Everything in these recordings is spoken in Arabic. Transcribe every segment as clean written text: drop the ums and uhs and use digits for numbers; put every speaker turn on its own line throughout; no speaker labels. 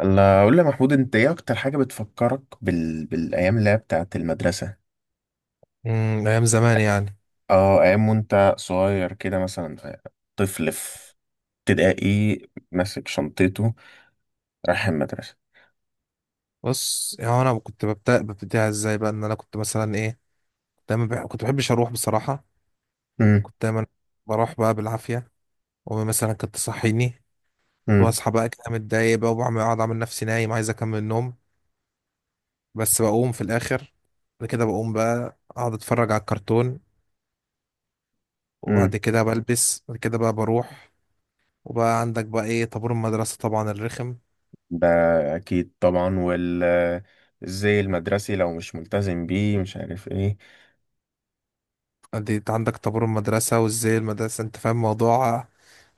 انا اقول لي يا محمود، انت ايه اكتر حاجه بتفكرك بالايام اللي هي بتاعت المدرسه؟
ايام زمان يعني.
اه، ايام وانت صغير كده مثلا، طفل في ابتدائي، ماسك شنطته، رايح المدرسه.
بص يعني انا كنت ببتديها ازاي بقى ان انا كنت مثلا ايه. دايما كنت بحبش اروح بصراحه.
امم
كنت دايما بروح بقى بالعافيه، وامي مثلا كانت تصحيني،
امم
واصحى بقى كده متضايق بقى، وبعمل اقعد اعمل نفسي نايم عايز اكمل النوم، بس بقوم في الاخر. بعد كده بقوم بقى اقعد اتفرج على الكرتون، وبعد
امم
كده بلبس، بعد كده بقى بروح. وبقى عندك بقى ايه طابور المدرسه طبعا الرخم.
ده اكيد طبعا. الزي المدرسي لو مش ملتزم بيه مش عارف ايه.
دي انت عندك طابور المدرسة وازاي المدرسة، انت فاهم موضوع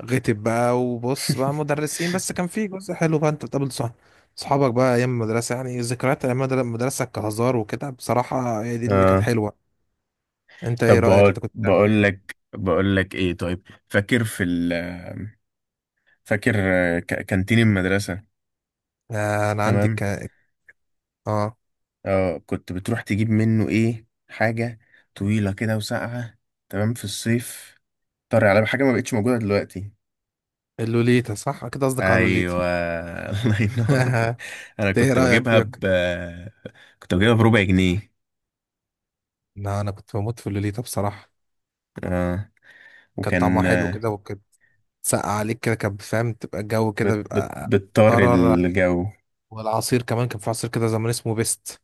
غتب بقى، وبص بقى مدرسين، بس كان في جزء حلو بقى انت بتقابل صح، صحابك بقى. ايام المدرسة يعني، ذكريات ايام المدرسة كهزار وكده بصراحة هي دي اللي كانت
اه.
حلوة. انت ايه
طب
رأيك، انت
بقول
كنت بتعمل
بقول
ايه؟
لك بقول لك ايه، طيب فاكر فاكر كانتين المدرسه؟
آه انا عندي
تمام،
اه
اه، كنت بتروح تجيب منه ايه، حاجة طويلة كده وساقعة، تمام، في الصيف، طري على حاجة ما بقتش موجودة دلوقتي.
اللوليتا، صح كده، قصدك على
ايوه،
اللوليتا.
الله ينور.
انت
انا
ايه
كنت
رأيك
بجيبها
فيك؟
ب كنت بجيبها بربع جنيه.
لا انا كنت بموت في اللوليتا بصراحة.
اه،
كان طعمها
وكان
حلو كده وكده، تسقع عليك كده، كان فاهم تبقى الجو كده بيبقى
بتطر
قرر.
الجو.
والعصير كمان، كان في عصير كده زمان اسمه بيست،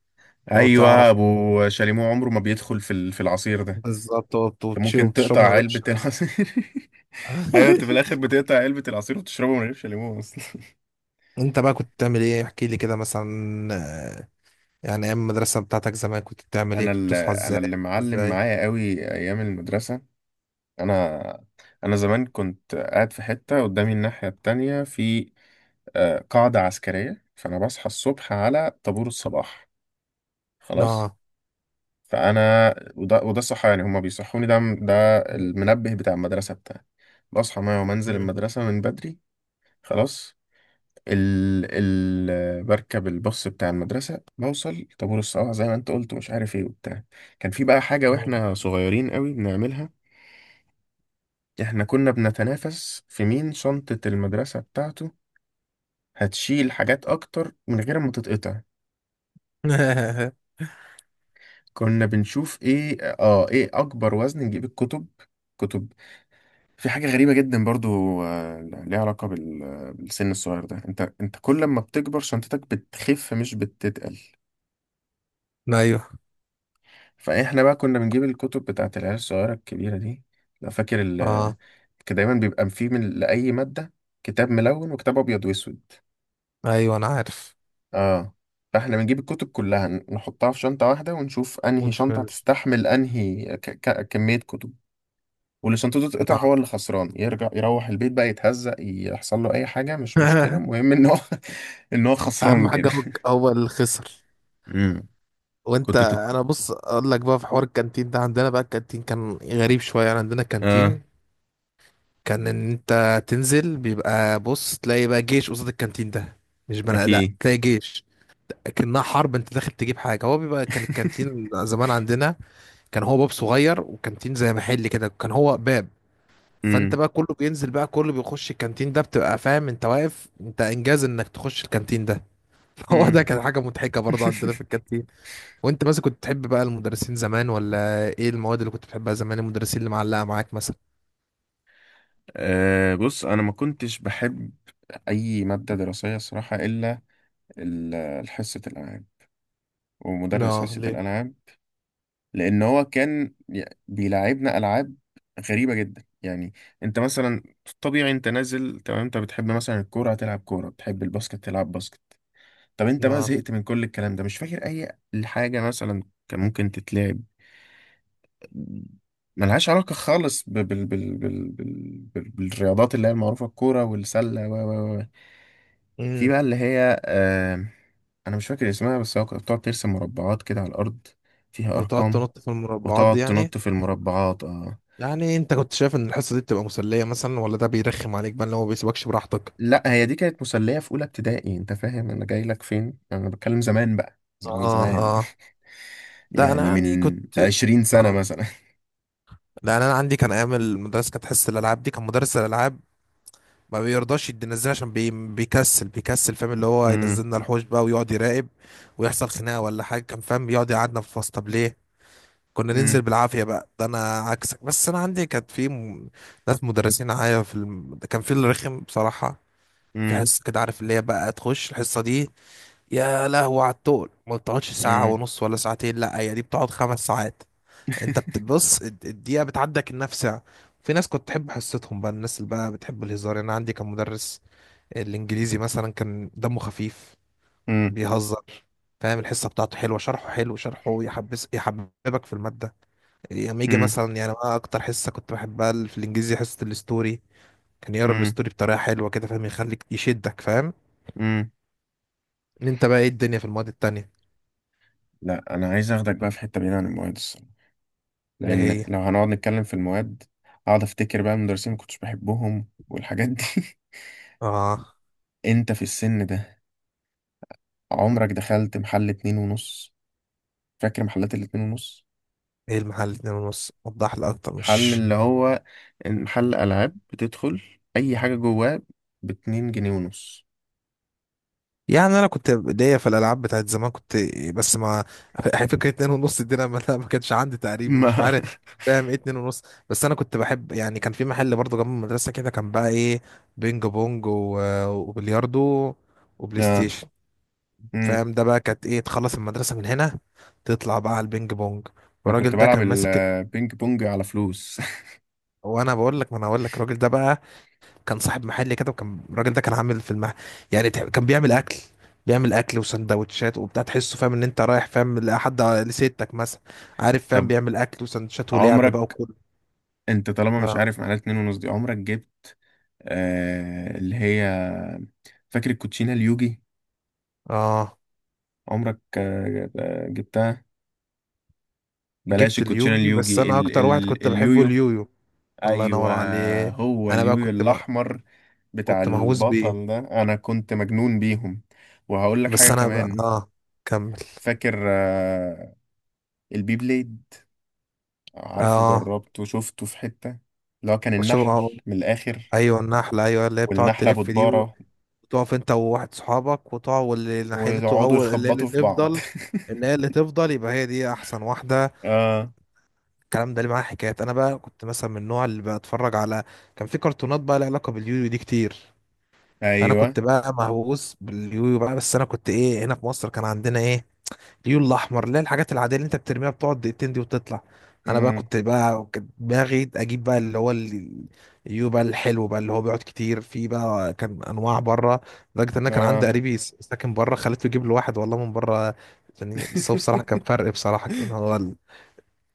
لو
ايوه،
تعرف.
ابو شاليمو عمره ما بيدخل في العصير ده.
بالظبط، هو
انت ممكن
وتشربه
تقطع
من غير
علبة
الشراب.
العصير. ايوه، انت في الاخر بتقطع علبة العصير وتشربه من غير شاليمو اصلا.
انت بقى كنت بتعمل ايه، احكي لي كده مثلا. آه، يعني ايام المدرسه بتاعتك زمان كنت بتعمل ايه،
انا
كنت
اللي
بتصحى ازاي،
انا اللي
بتنام
معلم
ازاي.
معايا قوي ايام المدرسه. انا انا زمان كنت قاعد في حته، قدامي الناحيه التانية في آه، قاعده عسكريه، فانا بصحى الصبح على طابور الصباح، خلاص.
اه.
فانا وده الصحيان يعني، هما بيصحوني، ده
مم.
المنبه بتاع المدرسه بتاعي، بصحى معايا ومنزل
مم.
المدرسه من بدري، خلاص. ال ال بركب الباص بتاع المدرسة، بوصل طابور الصباح زي ما انت قلت، مش عارف ايه وبتاع. كان في بقى حاجة
مم.
واحنا صغيرين قوي بنعملها، احنا كنا بنتنافس في مين شنطة المدرسة بتاعته هتشيل حاجات اكتر من غير ما تتقطع. كنا بنشوف ايه اكبر وزن نجيب الكتب. كتب. في حاجة غريبة جدا برضو، آه، ليها علاقة بالسن الصغير ده، انت انت كل ما بتكبر شنطتك بتخف مش بتتقل.
ايوه.
فاحنا بقى كنا بنجيب الكتب بتاعت العيال الصغيره الكبيره دي. لو فاكر
اه.
كان دايما بيبقى فيه من لاي ماده كتاب ملون وكتاب ابيض واسود.
ايوه انا عارف.
اه، فاحنا بنجيب الكتب كلها نحطها في شنطه واحده، ونشوف انهي
مش
شنطه
فلوس.
هتستحمل انهي كميه كتب. واللي شنطته تتقطع
اه.
هو اللي خسران، يرجع يروح البيت بقى يتهزق، يحصل له اي حاجه مش مشكله، المهم ان هو ان هو
اهم
خسران كده.
حاجه هو هو اللي خسر.
امم.
وانت
كنت
انا بص اقول لك بقى، في حوار الكانتين ده عندنا، بقى الكانتين كان غريب شويه. يعني عندنا
اه.
كانتين، كان ان انت تنزل بيبقى بص تلاقي بقى جيش قصاد الكانتين ده، مش بني ادم،
اكيد.
تلاقي جيش. لكنها حرب، انت داخل تجيب حاجه. هو بيبقى كان الكانتين زمان عندنا، كان هو باب صغير، وكانتين زي محل كده، كان هو باب. فانت
امم.
بقى كله بينزل بقى، كله بيخش الكانتين ده، بتبقى فاهم انت واقف، انت انجاز انك تخش الكانتين ده. هو ده
امم.
كان حاجه مضحكه برضه عندنا في الكانتين. وانت مثلا كنت تحب بقى المدرسين زمان ولا ايه، المواد اللي كنت بتحبها زمان، المدرسين اللي معلقه معاك مثلا.
أه بص، انا ما كنتش بحب اي ماده دراسيه الصراحه، الا حصه الالعاب ومدرس
اه
حصه
ليه؟
الالعاب. لان هو كان بيلعبنا العاب غريبه جدا يعني. انت مثلا، طبيعي انت نازل تمام، انت بتحب مثلا الكوره هتلعب كوره، بتحب الباسكت تلعب باسكت. طب انت بقى زهقت من كل الكلام ده، مش فاكر اي حاجه مثلا كان ممكن تتلعب، ملهاش علاقة خالص بالرياضات اللي هي المعروفة، الكورة والسلة و في
اه
بقى اللي هي آه، انا مش فاكر اسمها، بس هو كانت بتقعد ترسم مربعات كده على الارض فيها
وتقعد
ارقام.
تنط في المربعات دي
وتقعد
يعني.
تنط في المربعات، اه.
يعني انت كنت شايف ان الحصة دي بتبقى مسلية مثلا، ولا ده بيرخم عليك بقى اللي هو بيسيبكش براحتك.
لا، هي دي كانت مسلية في اولى ابتدائي، انت فاهم انا جاي لك فين، انا بتكلم زمان بقى، زمان
اه.
زمان.
اه. لا
يعني
انا يعني
من
كنت.
20 سنة
اه.
مثلا.
لا انا عندي كان ايام المدرسة كانت حصة الالعاب دي، كان مدرس الالعاب ما بيرضاش ينزلنا عشان بيكسل بيكسل، فاهم اللي هو
امم
ينزلنا الحوش بقى ويقعد يراقب، ويحصل خناقة ولا حاجة، كان فاهم بيقعد يقعدنا في الفصل. طب ليه؟ كنا
امم
ننزل بالعافية بقى، ده انا عكسك. بس انا عندي كانت في ناس مدرسين معايا في كان في اللي رخم بصراحة. في
امم
حصة كده عارف، اللي هي بقى تخش الحصة دي يا لهوي على التقل، ما بتقعدش ساعة
امم
ونص ولا ساعتين، لا هي دي بتقعد 5 ساعات. انت بتبص الدقيقة بتعدى كأنها في ساعة. في ناس كنت تحب حصتهم بقى، الناس اللي بقى بتحب الهزار. يعني انا عندي كان مدرس الانجليزي مثلا كان دمه خفيف،
امم
بيهزر، فاهم الحصة بتاعته حلوة، شرحه حلو، شرحه يحبس يحببك في المادة. لما يجي
امم
مثلا، يعني انا اكتر حصة كنت بحبها في الانجليزي حصة الستوري. كان يقرا
امم
الستوري بطريقة حلوة كده، فاهم يخليك يشدك، فاهم
امم
ان انت بقى ايه الدنيا في المواد التانية.
لا، انا عايز اخدك بقى في حتة بعيدة عن المواد الصراحة،
ايه
لان
هي؟
لو هنقعد نتكلم في المواد اقعد افتكر بقى المدرسين ما كنتش بحبهم والحاجات دي.
اه
انت في السن ده عمرك دخلت محل اتنين ونص؟ فاكر محلات الاتنين ونص؟
ايه المحل اتنين ونص، وضح لي اكتر
محل
مش.
اللي هو محل العاب بتدخل اي حاجه جواه باتنين جنيه ونص.
يعني انا كنت ليا في الالعاب بتاعت زمان كنت بس ما فكره اتنين ونص دي انا ما ما كانش عندي تقريبا، مش
ما
عارف فاهم ايه اتنين ونص. بس انا كنت بحب، يعني كان في محل برضه جنب المدرسه كده، كان بقى ايه، بينج بونج وبلياردو وبلاي
اه.
ستيشن.
امم.
فاهم ده بقى كانت ايه، تخلص المدرسه من هنا، تطلع بقى على البينج بونج،
انا كنت
والراجل ده
بلعب
كان ماسك.
البينج بونج على فلوس.
وانا بقول لك، ما انا هقول لك الراجل ده بقى، كان صاحب محل كده، وكان الراجل ده كان عامل في المحل، يعني كان بيعمل اكل وسندوتشات وبتاع، تحسه فاهم ان انت رايح، فاهم لحد لستك مثلا، عارف فاهم،
طب
بيعمل اكل وسندوتشات ولعب بقى
عمرك،
وكله.
انت طالما مش
اه.
عارف معناها اتنين ونص دي، عمرك جبت آه اللي هي، فاكر الكوتشينه اليوجي؟
اه.
عمرك جبتها؟ بلاش
جبت
الكوتشينه
اليوجي، بس
اليوجي،
انا
ال
اكتر واحد
ال
كنت بحبه
اليويو.
اليويو، الله
ايوه.
ينور عليه.
هو
انا بقى
اليويو
كنت ما
الاحمر بتاع
كنت مهووس بيه.
البطل ده، انا كنت مجنون بيهم. وهقول لك
بس
حاجه
انا بقى
كمان،
اه كمل.
فاكر آه، البي بليد؟ عارفه،
اه
جربته، شفته في حته، اللي هو كان
وشو
النحل
آه.
من الاخر.
ايوه النحله، ايوه اللي هي بتقعد
والنحله
تلف دي.
بتبارة،
تقف انت وواحد صحابك وتقع، واللي ناحيته
ويقعدوا
اول اللي هي اللي
يخبطوا في بعض.
تفضل، اللي هي اللي تفضل، يبقى هي دي احسن واحده.
اه.
الكلام ده اللي معاه حكايات. انا بقى كنت مثلا من النوع اللي بتفرج على، كان في كرتونات بقى لها علاقه باليويو دي كتير. فانا
ايوه.
كنت بقى مهووس باليويو بقى. بس انا كنت ايه، هنا في مصر كان عندنا ايه، اليون الاحمر، لا الحاجات العاديه اللي انت بترميها بتقعد دقيقتين دي وتطلع. انا بقى
امم.
كنت بقى كانت دماغي اجيب بقى اللي هو اليو بقى الحلو بقى، اللي هو بيقعد كتير. في بقى كان انواع بره، لدرجه ان انا كان عندي
اه.
قريبي ساكن بره، خليته يجيب له واحد والله من بره. يعني بس هو بصراحه كان فرق بصراحه، كان هو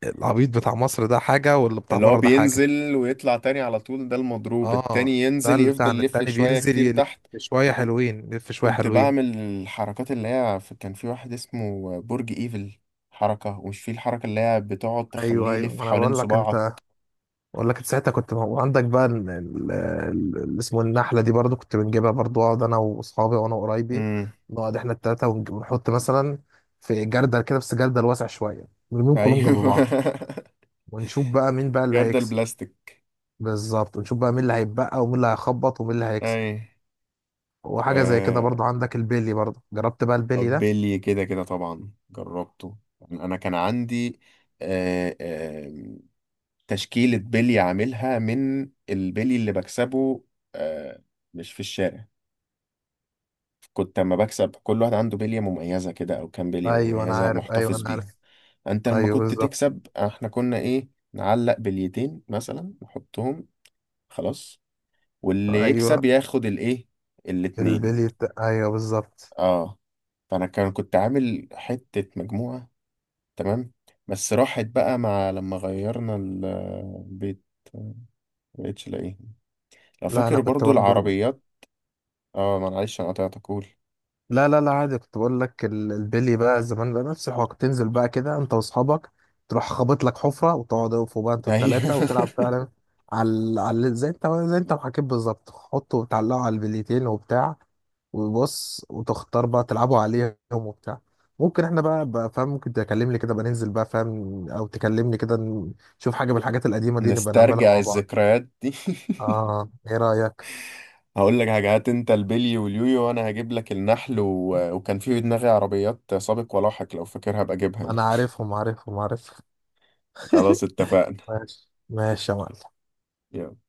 العبيط بتاع مصر ده حاجه، واللي بتاع
اللي هو
بره ده حاجه.
بينزل ويطلع تاني على طول ده المضروب،
اه
التاني
ده
ينزل
اللي
يفضل
بتاعنا
يلف
التاني
شويه
بينزل
كتير
يلف
تحت.
شويه حلوين، يلف شويه
كنت
حلوين.
بعمل الحركات اللي هي كان في واحد اسمه برج ايفل، حركة، ومش في الحركة اللي هي بتقعد تخليه
ايوه ايوه،
يلف
ما انا
حوالين
بقول لك انت،
صباعك.
بقول لك ساعتها كنت موجود عندك بقى اللي اسمه النحله دي برضو، كنت بنجيبها برضو، اقعد انا واصحابي وانا وقرايبي،
امم.
نقعد احنا التلاته ونحط مثلا في جردل كده، بس جردل واسع شويه، نرميهم كلهم جنب
ايوه.
بعض، ونشوف بقى مين بقى اللي
جردل
هيكسب.
البلاستيك.
بالظبط، ونشوف بقى مين اللي هيتبقى ومين اللي هيخبط ومين اللي هيكسب.
اي.
وحاجه زي كده
آه،
برضو، عندك البيلي، برضو جربت بقى البيلي ده.
بيلي كده كده طبعا جربته يعني، انا كان عندي آه آه تشكيلة بيلي عاملها من البيلي اللي بكسبه. آه، مش في الشارع، كنت اما بكسب كل واحد عنده بلية مميزة كده، او كام بلية
ايوه انا
مميزة
عارف، ايوه
محتفظ
انا عارف.
بيهم. انت لما
ايوه
كنت
بالظبط.
تكسب احنا كنا ايه، نعلق بليتين مثلا نحطهم، خلاص، واللي يكسب
ايوه
ياخد الايه، الاتنين.
البيلي ايوه بالظبط.
اه. فانا كنت عامل حتة مجموعة، تمام، بس راحت بقى مع لما غيرنا البيت، مبقتش الاقيه. لو
لا انا
فاكر
كنت
برضو
برضو.
العربيات. اه معلش انا قطعتك، قول.
لا لا لا عادي، كنت بقول لك البلي بقى زمان بقى، نفس الحوار. كنت تنزل بقى كده انت واصحابك، تروح خابط لك حفره، وتقعدوا فوق بقى انتوا
ايوه.
التلاته وتلعب فعلا، على زي انت، ما حكيت بالظبط، حطوا وتعلقوا على البليتين وبتاع، وبص وتختار بقى تلعبوا عليهم وبتاع. ممكن احنا بقى فاهم، ممكن تكلمني كده بقى ننزل بقى، فاهم، او تكلمني كده نشوف حاجه من الحاجات القديمه دي نبقى نعملها
نسترجع
مع بعض.
الذكريات دي.
اه ايه رايك؟
هقول لك حاجة، هات انت البلي واليويو وانا هجيب لك النحل و... وكان في دماغي عربيات سابق ولاحق، لو فاكرها بجيبها انا.
انا عارفهم عارفهم عارفهم.
خلاص، اتفقنا.
ماشي ماشي يا معلم.
يلا.